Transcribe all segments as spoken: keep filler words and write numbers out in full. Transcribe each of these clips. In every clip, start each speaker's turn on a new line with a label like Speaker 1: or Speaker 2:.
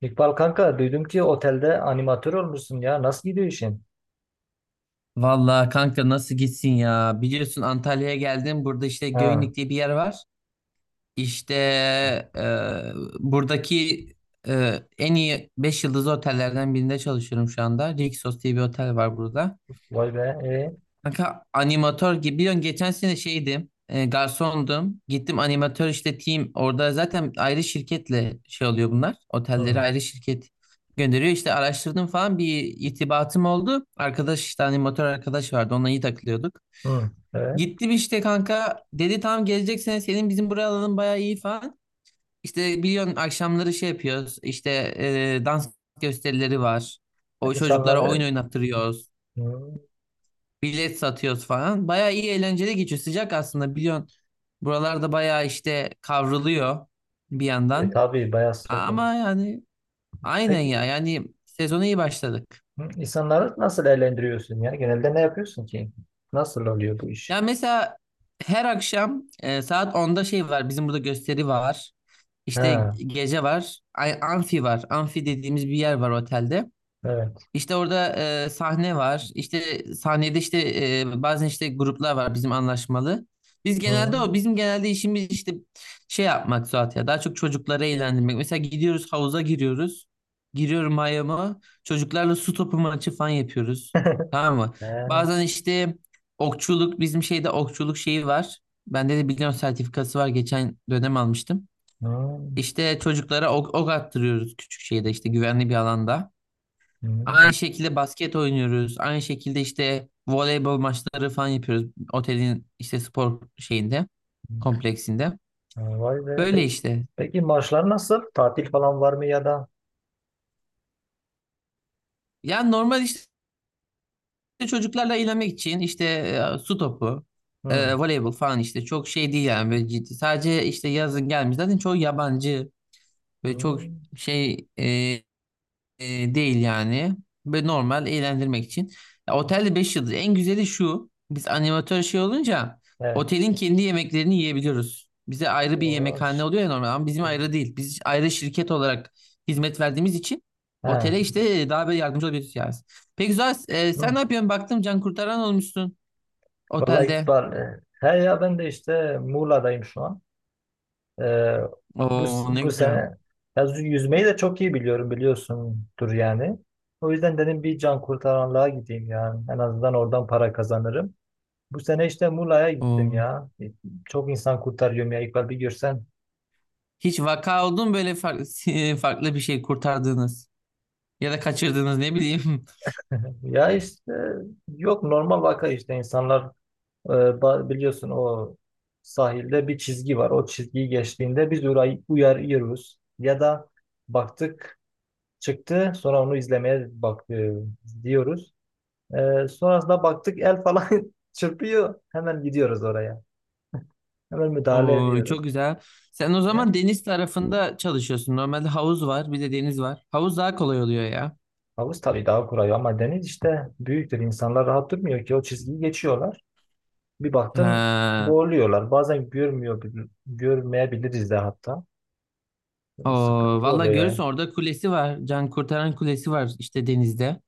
Speaker 1: İkbal kanka duydum ki otelde animatör olmuşsun ya. Nasıl gidiyor işin?
Speaker 2: Vallahi kanka nasıl gitsin ya? Biliyorsun Antalya'ya geldim. Burada işte
Speaker 1: Ha,
Speaker 2: Göynük diye bir yer var. İşte e, buradaki e, en iyi beş yıldızlı otellerden birinde çalışıyorum şu anda. Rixos diye bir otel var burada.
Speaker 1: vay be. E,
Speaker 2: Kanka animatör gibi. Biliyorsun geçen sene şeydim. E, garsondum. Gittim animatör işte team. Orada zaten ayrı şirketle şey oluyor bunlar. Otelleri
Speaker 1: hı,
Speaker 2: ayrı şirket gönderiyor. İşte araştırdım falan bir irtibatım oldu. Arkadaş işte animatör arkadaş vardı. Onunla iyi takılıyorduk.
Speaker 1: hı, evet.
Speaker 2: Gittim işte kanka. Dedi tamam gelecek sene senin bizim buraya alalım bayağı iyi falan. İşte biliyorsun akşamları şey yapıyoruz. İşte e, dans gösterileri var. O çocuklara oyun
Speaker 1: İnsanları
Speaker 2: oynattırıyoruz.
Speaker 1: hı,
Speaker 2: Bilet satıyoruz falan. Bayağı iyi eğlenceli geçiyor. Sıcak aslında biliyorsun. Buralarda bayağı işte kavruluyor bir
Speaker 1: e,
Speaker 2: yandan.
Speaker 1: tabii bayağı
Speaker 2: A-
Speaker 1: sıcak oluyor.
Speaker 2: Ama yani aynen ya.
Speaker 1: Peki,
Speaker 2: Yani sezona iyi başladık.
Speaker 1: hı, insanları nasıl eğlendiriyorsun ya? Genelde ne yapıyorsun ki? Nasıl oluyor bu iş?
Speaker 2: Ya mesela her akşam e, saat onda şey var. Bizim burada gösteri var. İşte
Speaker 1: Ha,
Speaker 2: gece var. Ay, amfi var. Amfi dediğimiz bir yer var otelde.
Speaker 1: evet.
Speaker 2: İşte orada e, sahne var. İşte sahnede işte e, bazen işte gruplar var bizim anlaşmalı. Biz genelde
Speaker 1: Hı,
Speaker 2: o bizim genelde işimiz işte şey yapmak Suat ya daha çok çocukları eğlendirmek. Mesela gidiyoruz havuza giriyoruz. Giriyorum mayomu. Çocuklarla su topu maçı falan yapıyoruz. Tamam mı?
Speaker 1: he,
Speaker 2: Bazen işte okçuluk bizim şeyde okçuluk şeyi var. Bende de biliyorum sertifikası var. Geçen dönem almıştım.
Speaker 1: hı,
Speaker 2: İşte çocuklara ok, ok attırıyoruz küçük şeyde işte güvenli bir alanda.
Speaker 1: hı,
Speaker 2: Aynı şekilde basket oynuyoruz. Aynı şekilde işte voleybol maçları falan yapıyoruz. Otelin işte spor şeyinde,
Speaker 1: hı.
Speaker 2: kompleksinde.
Speaker 1: Ha, vay be.
Speaker 2: Böyle
Speaker 1: Peki,
Speaker 2: işte.
Speaker 1: peki maaşlar nasıl? Tatil falan var mı ya da?
Speaker 2: Yani normal işte çocuklarla eğlenmek için işte e, su topu, e,
Speaker 1: Hı,
Speaker 2: voleybol falan işte çok şey değil yani böyle ciddi. Sadece işte yazın gelmiş. Zaten çoğu yabancı ve
Speaker 1: hı,
Speaker 2: çok şey e, E, değil yani. Ve normal eğlendirmek için. Ya, otelde beş yıldız. En güzeli şu. Biz animatör şey olunca
Speaker 1: evet.
Speaker 2: otelin kendi yemeklerini yiyebiliyoruz. Bize ayrı bir
Speaker 1: O,
Speaker 2: yemekhane oluyor ya normal ama bizim ayrı değil. Biz ayrı şirket olarak hizmet verdiğimiz için otele
Speaker 1: şey.
Speaker 2: işte daha böyle yardımcı olabiliriz yani. Peki güzel. E, sen ne
Speaker 1: Hı.
Speaker 2: yapıyorsun? Baktım can kurtaran olmuşsun
Speaker 1: Vallahi
Speaker 2: otelde.
Speaker 1: İkbal, e, he ya ben de işte Muğla'dayım şu an. E, bu,
Speaker 2: Oo, ne
Speaker 1: bu
Speaker 2: güzel.
Speaker 1: sene ya yüz- yüzmeyi de çok iyi biliyorum biliyorsundur yani. O yüzden dedim bir can kurtaranlığa gideyim yani. En azından oradan para kazanırım. Bu sene işte Muğla'ya gittim
Speaker 2: Oo.
Speaker 1: ya. E, Çok insan kurtarıyorum ya İkbal bir görsen.
Speaker 2: Hiç vaka oldu mu böyle farklı, farklı bir şey kurtardığınız ya da kaçırdığınız ne bileyim.
Speaker 1: Ya işte yok normal vaka işte insanlar. Ee, ba- Biliyorsun o sahilde bir çizgi var. O çizgiyi geçtiğinde biz uray- uyarıyoruz. Ya da baktık, çıktı, sonra onu izlemeye bak e, diyoruz. Ee, sonrasında baktık el falan çırpıyor. Hemen gidiyoruz oraya. Hemen müdahale
Speaker 2: Oo,
Speaker 1: ediyoruz.
Speaker 2: çok güzel. Sen o
Speaker 1: Ya,
Speaker 2: zaman deniz tarafında çalışıyorsun. Normalde havuz var, bir de deniz var. Havuz daha kolay oluyor ya.
Speaker 1: havuz tabii daha kurayı ama deniz işte büyüktür. İnsanlar rahat durmuyor ki o çizgiyi geçiyorlar. Bir baktın
Speaker 2: Ha.
Speaker 1: boğuluyorlar. Bazen görmüyor, görmeyebiliriz de hatta.
Speaker 2: O
Speaker 1: Sıkıntı
Speaker 2: valla
Speaker 1: oluyor yani.
Speaker 2: görürsün orada kulesi var. Can kurtaran kulesi var işte denizde.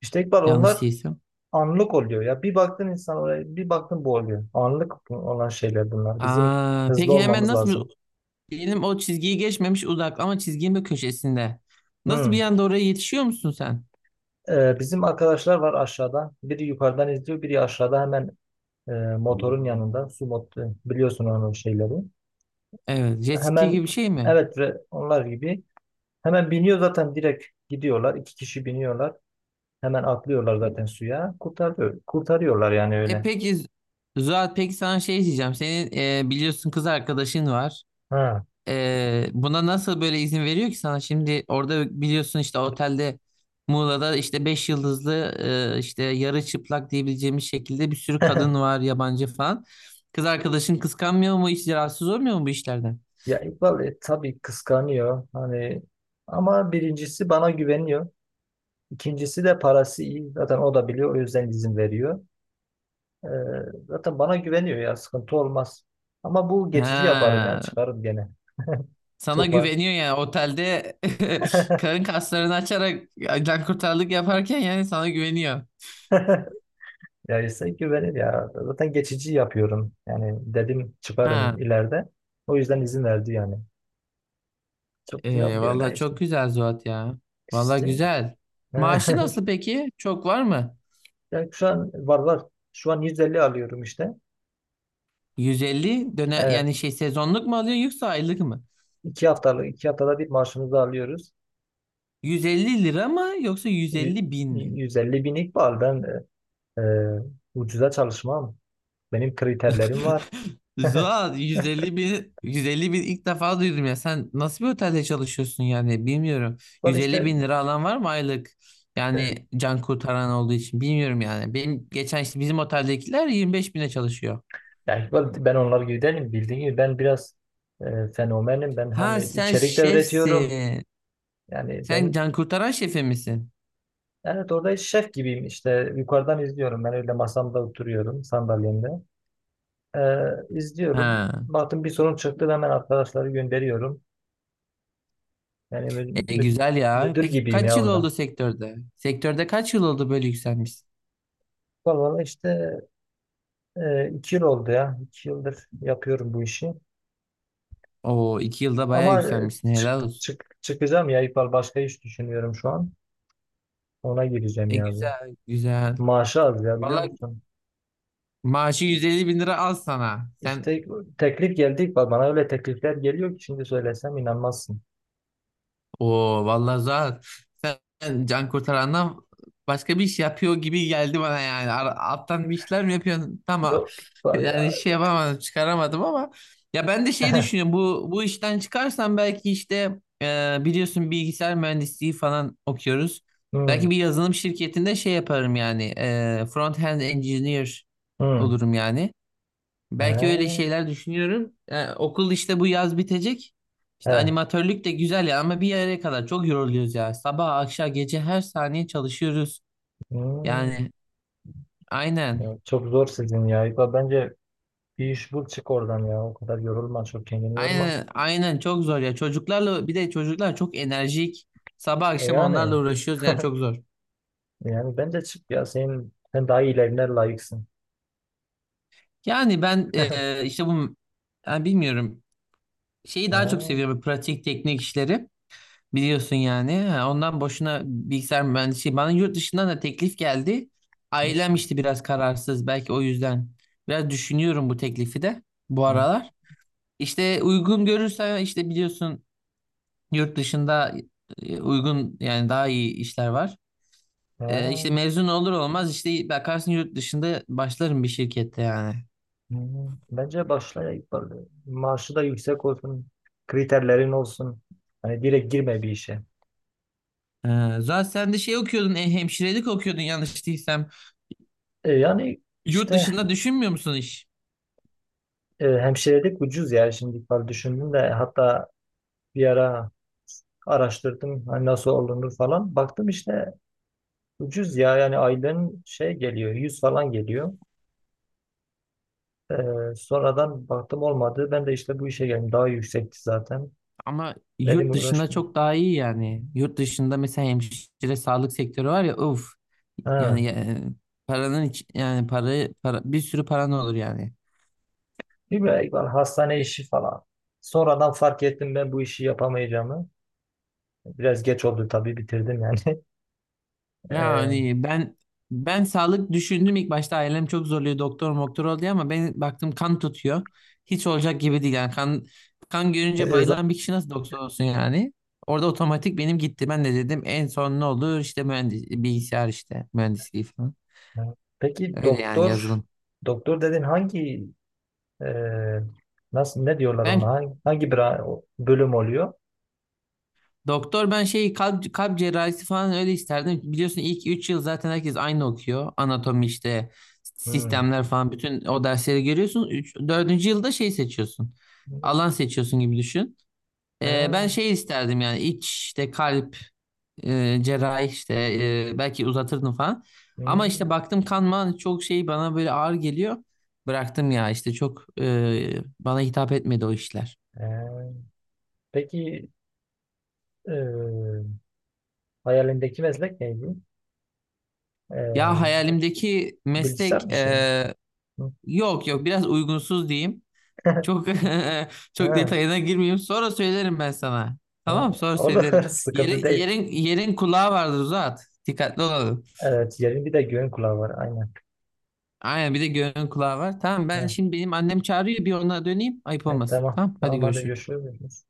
Speaker 1: İşte İkbal onlar
Speaker 2: Yanlış değilsem.
Speaker 1: anlık oluyor ya. Bir baktın insan oraya, bir baktın bu oluyor. Anlık olan şeyler bunlar. Bizim
Speaker 2: Aa,
Speaker 1: hızlı
Speaker 2: peki hemen
Speaker 1: olmamız
Speaker 2: nasıl
Speaker 1: lazım.
Speaker 2: diyelim o çizgiyi geçmemiş uzak ama çizginin bir köşesinde. Nasıl bir
Speaker 1: Hmm.
Speaker 2: anda oraya yetişiyor musun sen?
Speaker 1: Ee, bizim arkadaşlar var aşağıda. Biri yukarıdan izliyor, biri aşağıda hemen e, motorun yanında. Su motoru, biliyorsun onun şeyleri.
Speaker 2: Evet, jet ski
Speaker 1: Hemen,
Speaker 2: gibi bir şey mi?
Speaker 1: evet ve onlar gibi. Hemen biniyor zaten direkt gidiyorlar. İki kişi biniyorlar. Hemen atlıyorlar zaten suya. Kurtarıyor, kurtarıyorlar yani
Speaker 2: E
Speaker 1: öyle.
Speaker 2: peki Zuhat, peki sana şey diyeceğim. Senin e, biliyorsun kız arkadaşın var.
Speaker 1: Ha.
Speaker 2: Ee, buna nasıl böyle izin veriyor ki sana? Şimdi orada biliyorsun işte otelde, Muğla'da işte beş yıldızlı e, işte yarı çıplak diyebileceğimiz şekilde bir sürü kadın var yabancı falan. Kız arkadaşın kıskanmıyor mu? Hiç rahatsız olmuyor mu bu işlerden?
Speaker 1: Ya İkbal, e, tabii kıskanıyor hani ama birincisi bana güveniyor. İkincisi de parası iyi. Zaten o da biliyor, o yüzden izin veriyor. Ee, Zaten bana güveniyor ya sıkıntı olmaz. Ama bu geçici yaparım ya,
Speaker 2: Ha,
Speaker 1: çıkarım gene.
Speaker 2: sana
Speaker 1: Çok var.
Speaker 2: güveniyor yani otelde karın kaslarını açarak can kurtarlık yaparken yani sana güveniyor.
Speaker 1: Ya ise güvenir ya. Zaten geçici yapıyorum. Yani dedim
Speaker 2: Ha,
Speaker 1: çıkarım ileride. O yüzden izin verdi yani. Çok
Speaker 2: e,
Speaker 1: yapmıyor ya
Speaker 2: vallahi
Speaker 1: işte.
Speaker 2: çok güzel Zuhat ya. Vallahi
Speaker 1: İşte.
Speaker 2: güzel. Maaşı nasıl peki? Çok var mı?
Speaker 1: Yani şu an var var. Şu an yüz elli alıyorum işte.
Speaker 2: yüz elli döne
Speaker 1: Ee,
Speaker 2: yani şey, sezonluk mu alıyor yoksa aylık mı?
Speaker 1: İki haftalık, iki haftada bir maaşımızı alıyoruz.
Speaker 2: yüz elli lira mı yoksa
Speaker 1: Yü-
Speaker 2: yüz elli bin mi?
Speaker 1: yüz elli binlik var. Ben e, e, ucuza çalışmam. Benim kriterlerim var.
Speaker 2: Zuhal, yüz elli bin, yüz elli bin ilk defa duydum ya, sen nasıl bir otelde çalışıyorsun yani bilmiyorum.
Speaker 1: Var
Speaker 2: yüz elli
Speaker 1: işte,
Speaker 2: bin lira alan var mı aylık?
Speaker 1: e,
Speaker 2: Yani can kurtaran olduğu için bilmiyorum yani, benim geçen işte bizim oteldekiler yirmi beş bine çalışıyor.
Speaker 1: yani Iqbal, ben onlar gibi değilim. Bildiğin gibi ben biraz e, fenomenim. Ben
Speaker 2: Ha,
Speaker 1: hani
Speaker 2: sen
Speaker 1: içerik de üretiyorum.
Speaker 2: şefsin,
Speaker 1: Yani
Speaker 2: sen
Speaker 1: ben,
Speaker 2: can kurtaran şefi misin?
Speaker 1: evet, orada şef gibiyim işte. Yukarıdan izliyorum. Ben öyle masamda oturuyorum sandalyemde. E, izliyorum.
Speaker 2: Ha.
Speaker 1: Baktım bir sorun çıktı. Hemen arkadaşları gönderiyorum. Yani mü-
Speaker 2: E,
Speaker 1: mü-
Speaker 2: güzel ya.
Speaker 1: müdür
Speaker 2: Peki
Speaker 1: gibiyim
Speaker 2: kaç
Speaker 1: ya
Speaker 2: yıl
Speaker 1: orada.
Speaker 2: oldu sektörde? Sektörde kaç yıl oldu, böyle yükselmişsin?
Speaker 1: Vallahi işte, e, iki yıl oldu ya. İki yıldır yapıyorum bu işi.
Speaker 2: Oo, iki yılda bayağı
Speaker 1: Ama e,
Speaker 2: yükselmişsin.
Speaker 1: çık,
Speaker 2: Helal olsun.
Speaker 1: çık, çıkacağım ya İpal. Başka iş düşünüyorum şu an. Ona gireceğim
Speaker 2: E,
Speaker 1: ya bu.
Speaker 2: güzel, güzel.
Speaker 1: Maaşı az ya, biliyor
Speaker 2: Valla
Speaker 1: musun?
Speaker 2: maaşı yüz elli bin lira al sana. Sen
Speaker 1: İşte teklif geldi İkbal. Bana öyle teklifler geliyor ki şimdi söylesem inanmazsın.
Speaker 2: Oo vallahi Zuhat, sen can kurtarandan başka bir iş yapıyor gibi geldi bana yani. Ar- Alttan bir işler mi yapıyorsun? Tamam.
Speaker 1: Yok var ya.
Speaker 2: Yani şey yapamadım, çıkaramadım ama ya ben de şey düşünüyorum. Bu bu işten çıkarsam belki işte e, biliyorsun bilgisayar mühendisliği falan okuyoruz.
Speaker 1: Hmm,
Speaker 2: Belki bir yazılım şirketinde şey yaparım yani. E, front end engineer
Speaker 1: hmm.
Speaker 2: olurum yani.
Speaker 1: He,
Speaker 2: Belki öyle şeyler düşünüyorum. Yani okul işte bu yaz bitecek. İşte
Speaker 1: he,
Speaker 2: animatörlük de güzel ya ama bir yere kadar çok yoruluyoruz ya. Sabah, akşam, gece her saniye çalışıyoruz.
Speaker 1: hmm.
Speaker 2: Yani aynen.
Speaker 1: Ya, çok zor sizin ya. İkbal bence bir iş bul, çık oradan ya. O kadar yorulma. Çok kendini yorma.
Speaker 2: Aynen, aynen çok zor ya. Çocuklarla bir de çocuklar çok enerjik. Sabah
Speaker 1: E
Speaker 2: akşam onlarla
Speaker 1: yani.
Speaker 2: uğraşıyoruz yani çok zor.
Speaker 1: Yani bence çık ya, senin sen daha iyilerine layıksın.
Speaker 2: Yani ben eee, işte bu yani bilmiyorum. Şeyi daha çok
Speaker 1: Ha,
Speaker 2: seviyorum, pratik teknik işleri. Biliyorsun yani. Ha, ondan boşuna bilgisayar mühendisliği. Bana yurt dışından da teklif geldi.
Speaker 1: hı,
Speaker 2: Ailem işte biraz kararsız. Belki o yüzden biraz düşünüyorum bu teklifi de bu
Speaker 1: hı,
Speaker 2: aralar. İşte uygun görürsen işte biliyorsun yurt dışında e, uygun yani, daha iyi işler var. E, işte
Speaker 1: ha,
Speaker 2: mezun olur olmaz işte bakarsın yurt dışında başlarım bir şirkette yani.
Speaker 1: hı. Bence başla ya ilk başta. Maaşı da yüksek olsun. Kriterlerin olsun. Hani direkt girme bir işe.
Speaker 2: E, zaten sen de şey okuyordun, e, hemşirelik okuyordun yanlış değilsem.
Speaker 1: E, yani
Speaker 2: Yurt
Speaker 1: işte
Speaker 2: dışında düşünmüyor musun hiç?
Speaker 1: e, hemşirelik ucuz ya şimdi falan düşündüm de, hatta bir ara araştırdım hani nasıl olunur falan. Baktım işte ucuz ya, yani aylığın şey geliyor, yüz falan geliyor. Ee, sonradan baktım olmadı. Ben de işte bu işe geldim. Daha yüksekti zaten.
Speaker 2: Ama yurt
Speaker 1: Dedim
Speaker 2: dışında
Speaker 1: uğraşmayayım.
Speaker 2: çok daha iyi yani. Yurt dışında mesela hemşire, sağlık sektörü var ya, uf.
Speaker 1: Ha.
Speaker 2: Yani e, paranın iç, yani para, para bir sürü paran olur yani.
Speaker 1: Bir böyle var, hastane işi falan. Sonradan fark ettim ben bu işi yapamayacağımı. Biraz geç oldu tabii, bitirdim yani. Ee,
Speaker 2: Yani ben ben sağlık düşündüm ilk başta, ailem çok zorluyor doktor moktor ol diye ama ben baktım kan tutuyor. Hiç olacak gibi değil yani, kan kan görünce
Speaker 1: e, zaten-
Speaker 2: bayılan bir kişi nasıl doktor olsun yani. Orada otomatik benim gitti. Ben de dedim en son ne olur işte mühendis, bilgisayar işte mühendisliği falan.
Speaker 1: Peki,
Speaker 2: Öyle yani,
Speaker 1: doktor
Speaker 2: yazılım.
Speaker 1: doktor dedin, hangi e, nasıl ne diyorlar ona,
Speaker 2: Ben
Speaker 1: hangi, hangi bra- bölüm oluyor?
Speaker 2: doktor, ben şeyi kalp, kalp cerrahisi falan öyle isterdim. Biliyorsun ilk üç yıl zaten herkes aynı okuyor. Anatomi işte
Speaker 1: Hmm.
Speaker 2: sistemler falan bütün o dersleri görüyorsun. Üç dördüncü yılda şey seçiyorsun. Alan seçiyorsun gibi düşün. Ee, ben
Speaker 1: Ha,
Speaker 2: şey isterdim yani iç işte kalp e, cerrahi işte e, belki uzatırdım falan. Ama işte
Speaker 1: hmm.
Speaker 2: baktım kanma çok şey bana böyle ağır geliyor. Bıraktım ya işte, çok e, bana hitap etmedi o işler.
Speaker 1: Ee, Peki, e, hayalindeki meslek neydi?
Speaker 2: Ya
Speaker 1: Ee,
Speaker 2: hayalimdeki
Speaker 1: Bilgisayar
Speaker 2: meslek
Speaker 1: mı, şey? Mi?
Speaker 2: eee,
Speaker 1: Hı.
Speaker 2: yok yok, biraz uygunsuz diyeyim. Çok çok
Speaker 1: Ha,
Speaker 2: detayına girmeyeyim. Sonra söylerim ben sana.
Speaker 1: ha.
Speaker 2: Tamam, sonra
Speaker 1: Olur,
Speaker 2: söylerim.
Speaker 1: sıkıntı
Speaker 2: Yeri,
Speaker 1: değil.
Speaker 2: yerin yerin kulağı vardır, uzat. Dikkatli olalım.
Speaker 1: Evet, yerin bir de göğün kulağı var aynen.
Speaker 2: Aynen, bir de göğün kulağı var. Tamam, ben
Speaker 1: Ha,
Speaker 2: şimdi benim annem çağırıyor bir ona döneyim. Ayıp
Speaker 1: evet,
Speaker 2: olmasın.
Speaker 1: tamam.
Speaker 2: Tamam hadi
Speaker 1: Tamam, hadi
Speaker 2: görüşürüz.
Speaker 1: görüşürüz.